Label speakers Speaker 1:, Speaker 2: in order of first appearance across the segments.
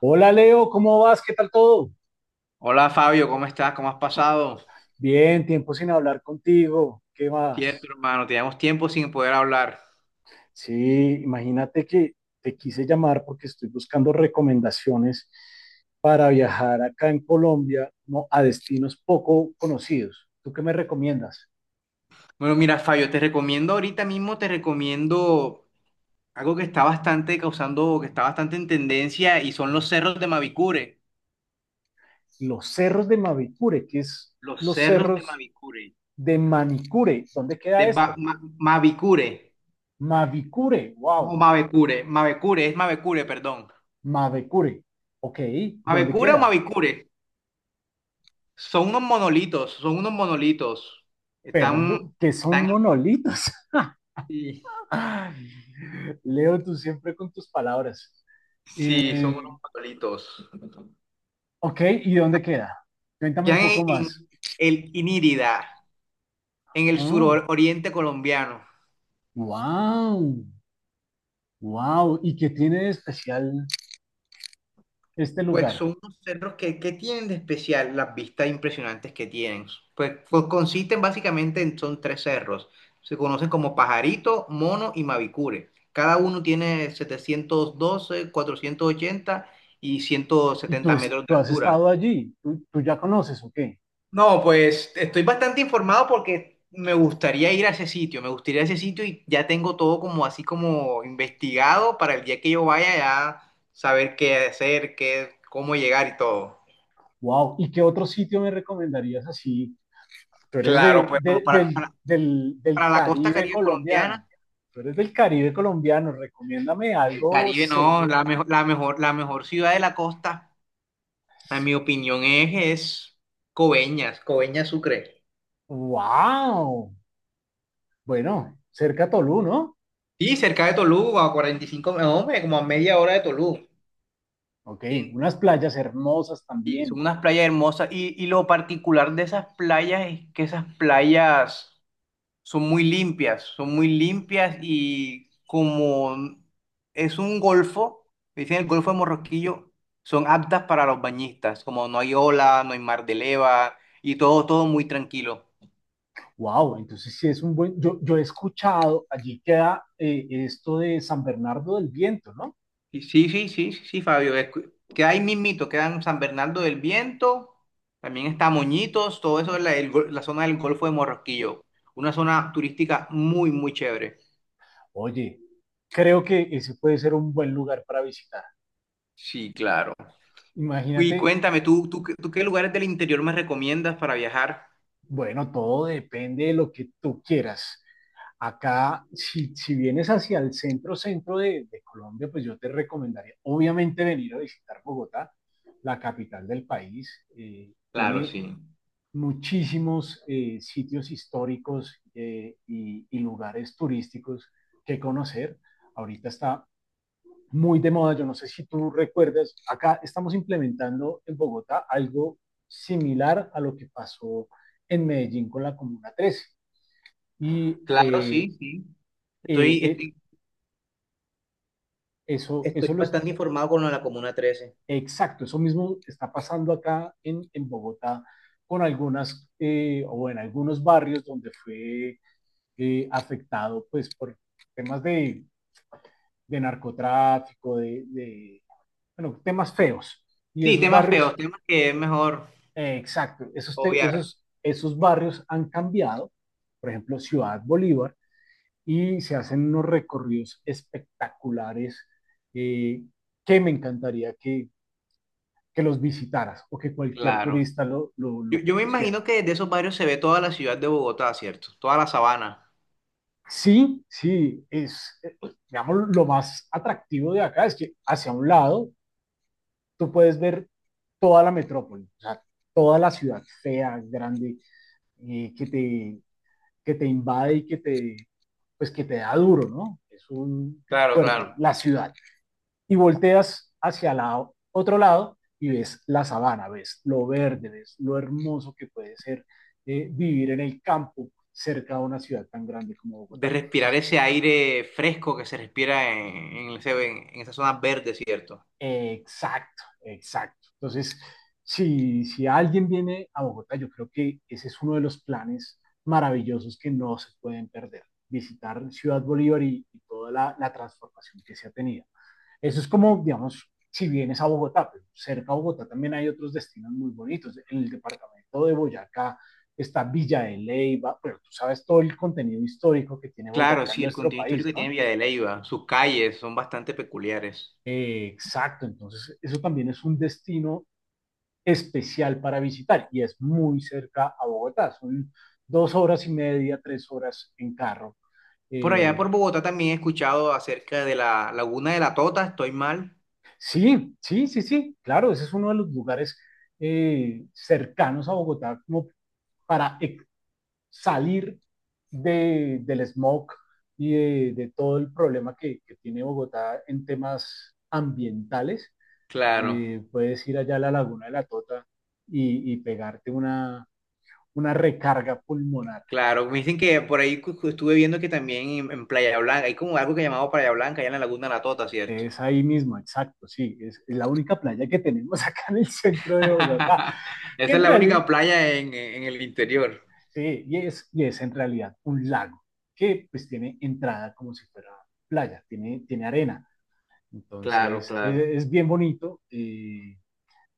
Speaker 1: Hola Leo, ¿cómo vas? ¿Qué tal todo?
Speaker 2: Hola Fabio, ¿cómo estás? ¿Cómo has pasado?
Speaker 1: Bien, tiempo sin hablar contigo. ¿Qué
Speaker 2: Cierto,
Speaker 1: más?
Speaker 2: hermano, teníamos tiempo sin poder hablar.
Speaker 1: Sí, imagínate que te quise llamar porque estoy buscando recomendaciones para viajar acá en Colombia, ¿no? A destinos poco conocidos. ¿Tú qué me recomiendas?
Speaker 2: Bueno, mira, Fabio, te recomiendo ahorita mismo, te recomiendo algo que está bastante causando, que está bastante en tendencia y son los cerros de Mavicure.
Speaker 1: Los cerros de Mavicure, que es
Speaker 2: Los
Speaker 1: los
Speaker 2: cerros de
Speaker 1: cerros
Speaker 2: Mavicure.
Speaker 1: de Manicure. ¿Dónde
Speaker 2: De
Speaker 1: queda
Speaker 2: Ba-
Speaker 1: esto?
Speaker 2: Ma- Mavicure.
Speaker 1: Mavicure,
Speaker 2: No,
Speaker 1: wow,
Speaker 2: Mavecure. Mavecure, es Mavecure, perdón.
Speaker 1: Mavicure. Ok, ¿dónde
Speaker 2: ¿Mavecure o
Speaker 1: queda?
Speaker 2: Mavicure? Son unos monolitos, son unos monolitos. Están,
Speaker 1: Perdón, que son
Speaker 2: están,
Speaker 1: monolitos.
Speaker 2: sí,
Speaker 1: Ay, Leo, tú siempre con tus palabras.
Speaker 2: sí, son unos
Speaker 1: Eh,
Speaker 2: monolitos.
Speaker 1: ok, ¿y dónde queda? Cuéntame un
Speaker 2: Quedan
Speaker 1: poco
Speaker 2: en
Speaker 1: más.
Speaker 2: el Inírida, en el
Speaker 1: Oh,
Speaker 2: suroriente colombiano.
Speaker 1: wow, wow. ¿Y qué tiene de especial este
Speaker 2: Pues
Speaker 1: lugar?
Speaker 2: son unos cerros que tienen de especial las vistas impresionantes que tienen. Pues, consisten básicamente en, son tres cerros. Se conocen como Pajarito, Mono y Mavicure. Cada uno tiene 712 480 y ciento
Speaker 1: ¿Y tú,
Speaker 2: setenta metros de
Speaker 1: tú has
Speaker 2: altura.
Speaker 1: estado allí? Tú ya conoces o qué?
Speaker 2: No, pues estoy bastante informado porque me gustaría ir a ese sitio, me gustaría ir a ese sitio y ya tengo todo como así como investigado para el día que yo vaya ya saber qué hacer, qué, cómo llegar y todo.
Speaker 1: Wow. ¿Y qué otro sitio me recomendarías así? Tú eres
Speaker 2: Claro, pues bueno, para, para,
Speaker 1: del
Speaker 2: para la costa
Speaker 1: Caribe
Speaker 2: Caribe
Speaker 1: colombiano.
Speaker 2: colombiana,
Speaker 1: Tú eres del Caribe colombiano. Recomiéndame
Speaker 2: el
Speaker 1: algo.
Speaker 2: Caribe
Speaker 1: Se...
Speaker 2: no, la mejor ciudad de la costa, en mi opinión es Coveñas, Coveñas Sucre.
Speaker 1: Wow. Bueno, cerca a Tolú, ¿no?
Speaker 2: Sí, cerca de Tolú, a 45, no, hombre, como a media hora de Tolú.
Speaker 1: Ok, unas playas hermosas
Speaker 2: Y son
Speaker 1: también.
Speaker 2: unas playas hermosas. Y lo particular de esas playas es que esas playas son muy limpias y como es un golfo, dicen el Golfo de Morroquillo, son aptas para los bañistas, como no hay ola, no hay mar de leva y todo muy tranquilo.
Speaker 1: Wow, entonces sí es un buen. Yo he escuchado, allí queda esto de San Bernardo del Viento, ¿no?
Speaker 2: Y sí, sí, sí, sí, sí, Fabio. Queda ahí mismito, quedan San Bernardo del Viento, también está Moñitos, todo eso es la zona del Golfo de Morroquillo. Una zona turística muy, muy chévere.
Speaker 1: Oye, creo que ese puede ser un buen lugar para visitar.
Speaker 2: Sí, claro.
Speaker 1: Imagínate.
Speaker 2: Y cuéntame, ¿tú qué lugares del interior me recomiendas para viajar?
Speaker 1: Bueno, todo depende de lo que tú quieras. Acá, si vienes hacia el centro, centro de Colombia, pues yo te recomendaría, obviamente, venir a visitar Bogotá, la capital del país.
Speaker 2: Claro,
Speaker 1: Tiene
Speaker 2: sí.
Speaker 1: muchísimos sitios históricos y lugares turísticos que conocer. Ahorita está muy de moda. Yo no sé si tú recuerdas, acá estamos implementando en Bogotá algo similar a lo que pasó en Medellín con la Comuna 13. Y
Speaker 2: Claro,
Speaker 1: eh,
Speaker 2: sí, sí.
Speaker 1: eh,
Speaker 2: Estoy,
Speaker 1: eh,
Speaker 2: estoy,
Speaker 1: eso,
Speaker 2: estoy
Speaker 1: eso lo es,
Speaker 2: bastante informado con lo de la Comuna 13.
Speaker 1: exacto, eso mismo está pasando acá en Bogotá con algunas o en algunos barrios donde fue afectado pues por temas de narcotráfico, de bueno, temas feos. Y
Speaker 2: Sí,
Speaker 1: esos
Speaker 2: temas
Speaker 1: barrios
Speaker 2: feos, temas que es mejor
Speaker 1: Exacto,
Speaker 2: obviar.
Speaker 1: esos barrios han cambiado, por ejemplo, Ciudad Bolívar, y se hacen unos recorridos espectaculares eh, que me encantaría que los visitaras o que cualquier
Speaker 2: Claro.
Speaker 1: turista
Speaker 2: Yo,
Speaker 1: lo
Speaker 2: yo me imagino
Speaker 1: conociera.
Speaker 2: que desde esos barrios se ve toda la ciudad de Bogotá, ¿cierto? Toda la sabana.
Speaker 1: Sí, pues, digamos, lo más atractivo de acá es que hacia un lado tú puedes ver toda la metrópoli, o sea, toda la ciudad fea, grande, eh, que te que te invade y que te, pues que te da duro, ¿no? Es un
Speaker 2: Claro, claro.
Speaker 1: fuerte, la ciudad. Y volteas hacia el otro lado y ves la sabana, ves lo verde, ves lo hermoso que puede ser vivir en el campo cerca de una ciudad tan grande como
Speaker 2: De
Speaker 1: Bogotá.
Speaker 2: respirar
Speaker 1: Entonces,
Speaker 2: ese aire fresco que se respira en esas zonas verdes, ¿cierto?
Speaker 1: exacto, exacto. Entonces, si alguien viene a Bogotá, yo creo que ese es uno de los planes maravillosos que no se pueden perder, visitar Ciudad Bolívar y toda la transformación que se ha tenido. Eso es como, digamos, si vienes a Bogotá, pero cerca a Bogotá también hay otros destinos muy bonitos. En el departamento de Boyacá está Villa de Leyva, pero tú sabes todo el contenido histórico que tiene
Speaker 2: Claro,
Speaker 1: Boyacá en
Speaker 2: sí, el
Speaker 1: nuestro
Speaker 2: contenido histórico
Speaker 1: país,
Speaker 2: que tiene
Speaker 1: ¿no?
Speaker 2: Villa de Leyva, sus calles son bastante peculiares.
Speaker 1: Exacto, entonces eso también es un destino especial para visitar y es muy cerca a Bogotá, son dos horas y media, tres horas en carro.
Speaker 2: Por allá
Speaker 1: Eh,
Speaker 2: por Bogotá también he escuchado acerca de la Laguna de la Tota, estoy mal.
Speaker 1: sí, sí, sí, sí, claro, ese es uno de los lugares cercanos a Bogotá como para salir del smog y de todo el problema que tiene Bogotá en temas ambientales.
Speaker 2: Claro,
Speaker 1: Puedes ir allá a la Laguna de la Tota y pegarte una recarga pulmonar.
Speaker 2: claro. Me dicen que por ahí estuve viendo que también en Playa Blanca, hay como algo que llamado Playa Blanca, allá en la Laguna de la Tota, ¿cierto?
Speaker 1: Es ahí mismo, exacto, sí, es la única playa que tenemos acá en el centro de Bogotá, que
Speaker 2: Esa
Speaker 1: en
Speaker 2: es la
Speaker 1: realidad,
Speaker 2: única playa en el interior.
Speaker 1: sí, y es en realidad un lago, que pues tiene entrada como si fuera playa, tiene arena,
Speaker 2: Claro,
Speaker 1: entonces
Speaker 2: claro.
Speaker 1: es bien bonito,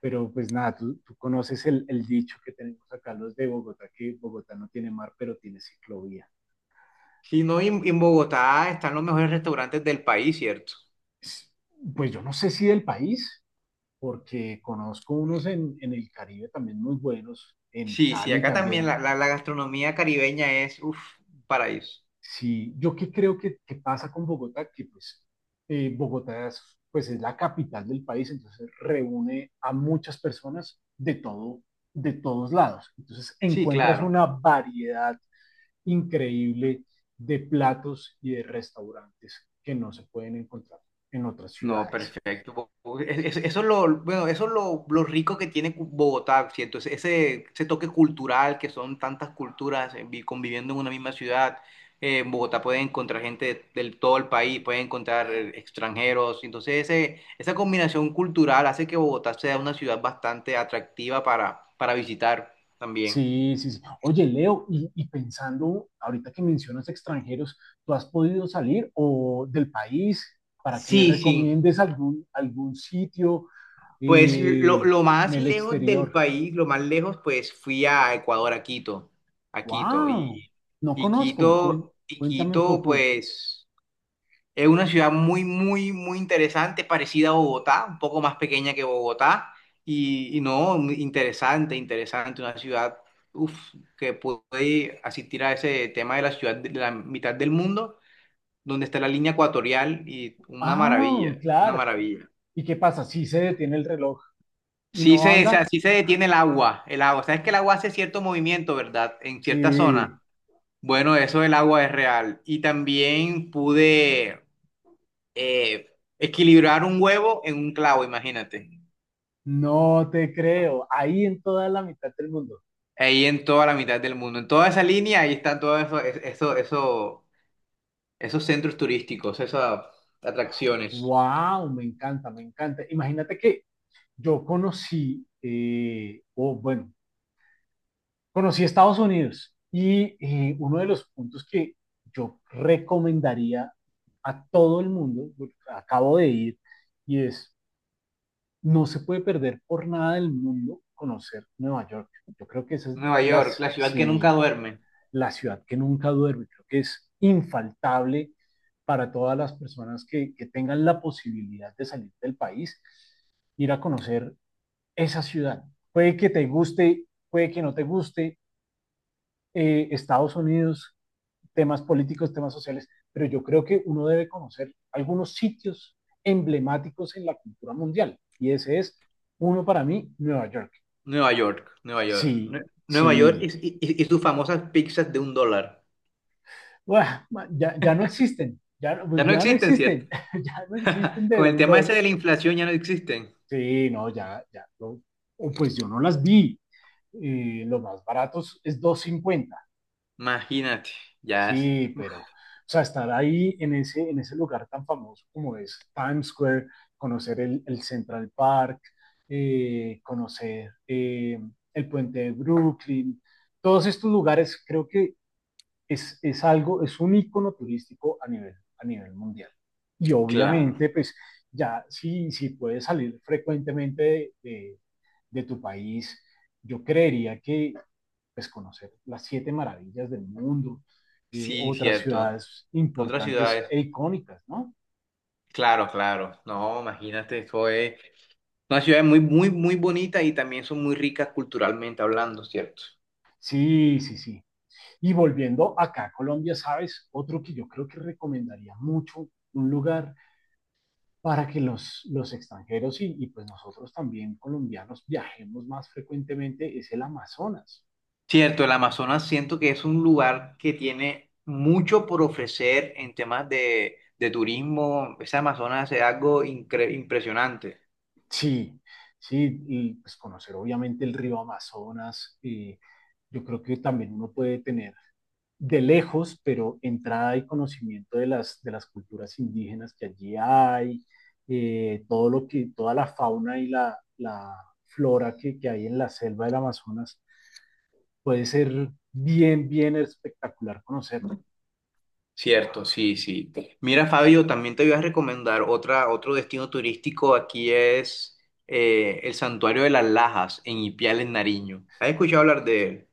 Speaker 1: pero pues nada, tú conoces el dicho que tenemos acá los de Bogotá, que Bogotá no tiene mar, pero tiene ciclovía.
Speaker 2: Si no, y en Bogotá están los mejores restaurantes del país, ¿cierto?
Speaker 1: Pues pues, yo no sé si del país, porque conozco unos en el Caribe también muy buenos, en
Speaker 2: Sí, sí,
Speaker 1: Cali
Speaker 2: acá también la...
Speaker 1: también.
Speaker 2: La, la- la gastronomía caribeña es, uff, paraíso.
Speaker 1: Sí, yo qué creo que pasa con Bogotá, que pues Bogotá es, pues es la capital del país, entonces reúne a muchas personas de todo, de todos lados. Entonces
Speaker 2: Sí,
Speaker 1: encuentras
Speaker 2: claro.
Speaker 1: una variedad increíble de platos y de restaurantes que no se pueden encontrar en otras
Speaker 2: No,
Speaker 1: ciudades.
Speaker 2: perfecto. Bueno, eso es lo rico que tiene Bogotá, ¿cierto? Ese toque cultural que son tantas culturas conviviendo en una misma ciudad. En Bogotá pueden encontrar gente del todo el país, pueden encontrar extranjeros. Entonces, esa combinación cultural hace que Bogotá sea una ciudad bastante atractiva para visitar también.
Speaker 1: Sí, sí, sí. Oye, Leo, y pensando, ahorita que mencionas extranjeros, ¿tú has podido salir o del país para que me
Speaker 2: Sí, sí.
Speaker 1: recomiendes algún sitio
Speaker 2: Pues lo,
Speaker 1: eh,
Speaker 2: lo
Speaker 1: en
Speaker 2: más
Speaker 1: el
Speaker 2: lejos del
Speaker 1: exterior?
Speaker 2: país, lo más lejos, pues fui a Ecuador, a Quito.
Speaker 1: ¡Wow!
Speaker 2: Y,
Speaker 1: No
Speaker 2: y
Speaker 1: conozco.
Speaker 2: Quito, y
Speaker 1: Cuéntame un
Speaker 2: Quito,
Speaker 1: poco.
Speaker 2: pues es una ciudad muy, muy, muy interesante, parecida a Bogotá, un poco más pequeña que Bogotá. Y no, muy interesante, interesante, una ciudad, uf, que pude asistir a ese tema de la ciudad de la mitad del mundo, donde está la línea ecuatorial y una maravilla,
Speaker 1: Ah,
Speaker 2: una
Speaker 1: claro.
Speaker 2: maravilla.
Speaker 1: ¿Y qué pasa? Sí, se detiene el reloj y
Speaker 2: Sí
Speaker 1: no
Speaker 2: se, o sea,
Speaker 1: anda.
Speaker 2: sí se detiene el agua, el agua. Sabes que el agua hace cierto movimiento, ¿verdad? En cierta zona.
Speaker 1: Sí,
Speaker 2: Bueno, eso del agua es real. Y también pude eh, equilibrar un huevo en un clavo, imagínate.
Speaker 1: no te creo. Ahí en toda la mitad del mundo.
Speaker 2: Ahí en toda la mitad del mundo. En toda esa línea, ahí están todos esos centros turísticos, esas atracciones.
Speaker 1: ¡Wow! Me encanta, me encanta. Imagínate que yo conocí, o bueno, conocí Estados Unidos y uno de los puntos que yo recomendaría a todo el mundo, porque acabo de ir, y es, no se puede perder por nada del mundo conocer Nueva York. Yo creo que esa es
Speaker 2: Nueva York, la ciudad que nunca
Speaker 1: sí,
Speaker 2: duerme.
Speaker 1: la ciudad que nunca duerme, creo que es infaltable para todas las personas que tengan la posibilidad de salir del país, ir a conocer esa ciudad. Puede que te guste, puede que no te guste Estados Unidos, temas políticos, temas sociales, pero yo creo que uno debe conocer algunos sitios emblemáticos en la cultura mundial. Y ese es uno para mí, Nueva York.
Speaker 2: Nueva York, Nueva York.
Speaker 1: Sí,
Speaker 2: Nueva York y,
Speaker 1: sí.
Speaker 2: y y- y sus famosas pizzas de $1.
Speaker 1: Uah, ya, ya, no existen, ya, no,
Speaker 2: Ya
Speaker 1: pues
Speaker 2: no
Speaker 1: ya no
Speaker 2: existen, ¿cierto?
Speaker 1: existen, ya no existen de
Speaker 2: Con el
Speaker 1: un
Speaker 2: tema ese
Speaker 1: dólar.
Speaker 2: de la inflación ya no existen.
Speaker 1: Sí, no, ya, ya. No, pues yo no las vi. Los más baratos es dos cincuenta.
Speaker 2: Imagínate, ya es
Speaker 1: Sí, pero, o sea, estar ahí en ese lugar tan famoso como es Times Square, conocer el Central Park, conocer el puente de Brooklyn, todos estos lugares creo que es algo, es un icono turístico a nivel mundial. Y
Speaker 2: claro.
Speaker 1: obviamente, pues ya si puedes salir frecuentemente de tu país, yo creería que, pues, conocer las siete maravillas del mundo,
Speaker 2: Sí,
Speaker 1: otras
Speaker 2: cierto.
Speaker 1: ciudades
Speaker 2: Otras
Speaker 1: importantes
Speaker 2: ciudades,
Speaker 1: e icónicas, ¿no?
Speaker 2: claro, claro. No, imagínate, eso es una ciudad muy, muy, muy bonita y también son muy ricas culturalmente hablando, ¿cierto?
Speaker 1: Sí, sí, sí. Y volviendo acá a Colombia, ¿sabes? Otro que yo creo que recomendaría mucho, un lugar para que los extranjeros y pues nosotros también colombianos viajemos más frecuentemente es el Amazonas.
Speaker 2: Cierto, el Amazonas siento que es un lugar que tiene mucho por ofrecer en temas de turismo. Ese Amazonas es algo impresionante.
Speaker 1: Sí, sí, y pues conocer obviamente el río Amazonas. Yo creo que también uno puede tener de lejos, pero entrada y conocimiento de de las culturas indígenas que allí hay, todo lo que, toda la fauna y la flora que hay en la selva del Amazonas, puede ser bien, bien espectacular conocerlo.
Speaker 2: Cierto, sí, sí. Mira, Fabio, también te voy a recomendar otro destino turístico aquí es el Santuario de las Lajas en Ipiales, en Nariño. ¿Has escuchado hablar de él?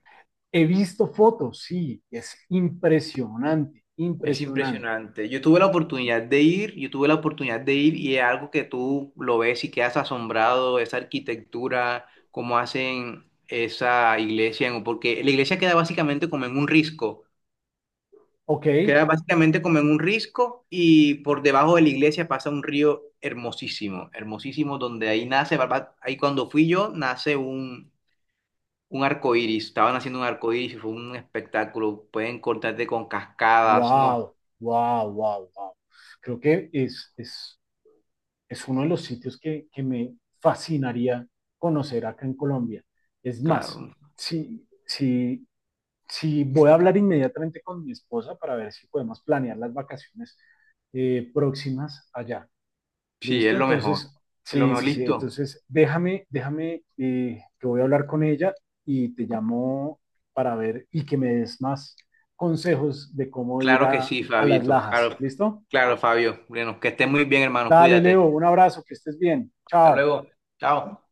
Speaker 1: He visto fotos, sí, es impresionante,
Speaker 2: Es
Speaker 1: impresionante.
Speaker 2: impresionante. Yo tuve la oportunidad de ir y es algo que tú lo ves y quedas asombrado, esa arquitectura, cómo hacen esa iglesia, porque la iglesia queda básicamente como en un risco.
Speaker 1: Ok,
Speaker 2: Queda básicamente como en un risco y por debajo de la iglesia pasa un río hermosísimo, hermosísimo, donde ahí nace, ahí cuando fui yo, nace un arco iris. Estaban haciendo un arco iris y fue un espectáculo. Pueden cortarte con cascadas, no,
Speaker 1: wow, wow, wow, wow. Creo que es uno de los sitios que me fascinaría conocer acá en Colombia. Es más,
Speaker 2: claro.
Speaker 1: si, si, si voy a hablar inmediatamente con mi esposa para ver si podemos planear las vacaciones próximas allá.
Speaker 2: Sí, es
Speaker 1: ¿Listo?
Speaker 2: lo mejor.
Speaker 1: Entonces,
Speaker 2: Es lo
Speaker 1: sí,
Speaker 2: mejor,
Speaker 1: sí, sí.
Speaker 2: listo.
Speaker 1: Entonces, déjame, que voy a hablar con ella y te llamo para ver y que me des más consejos de cómo ir
Speaker 2: Claro que sí,
Speaker 1: a las
Speaker 2: Fabito.
Speaker 1: Lajas.
Speaker 2: Claro,
Speaker 1: ¿Listo?
Speaker 2: claro, Fabio. Bueno, que estés muy bien, hermano.
Speaker 1: Dale,
Speaker 2: Cuídate.
Speaker 1: Leo, un abrazo, que estés bien.
Speaker 2: Hasta
Speaker 1: Chao.
Speaker 2: luego. Chao.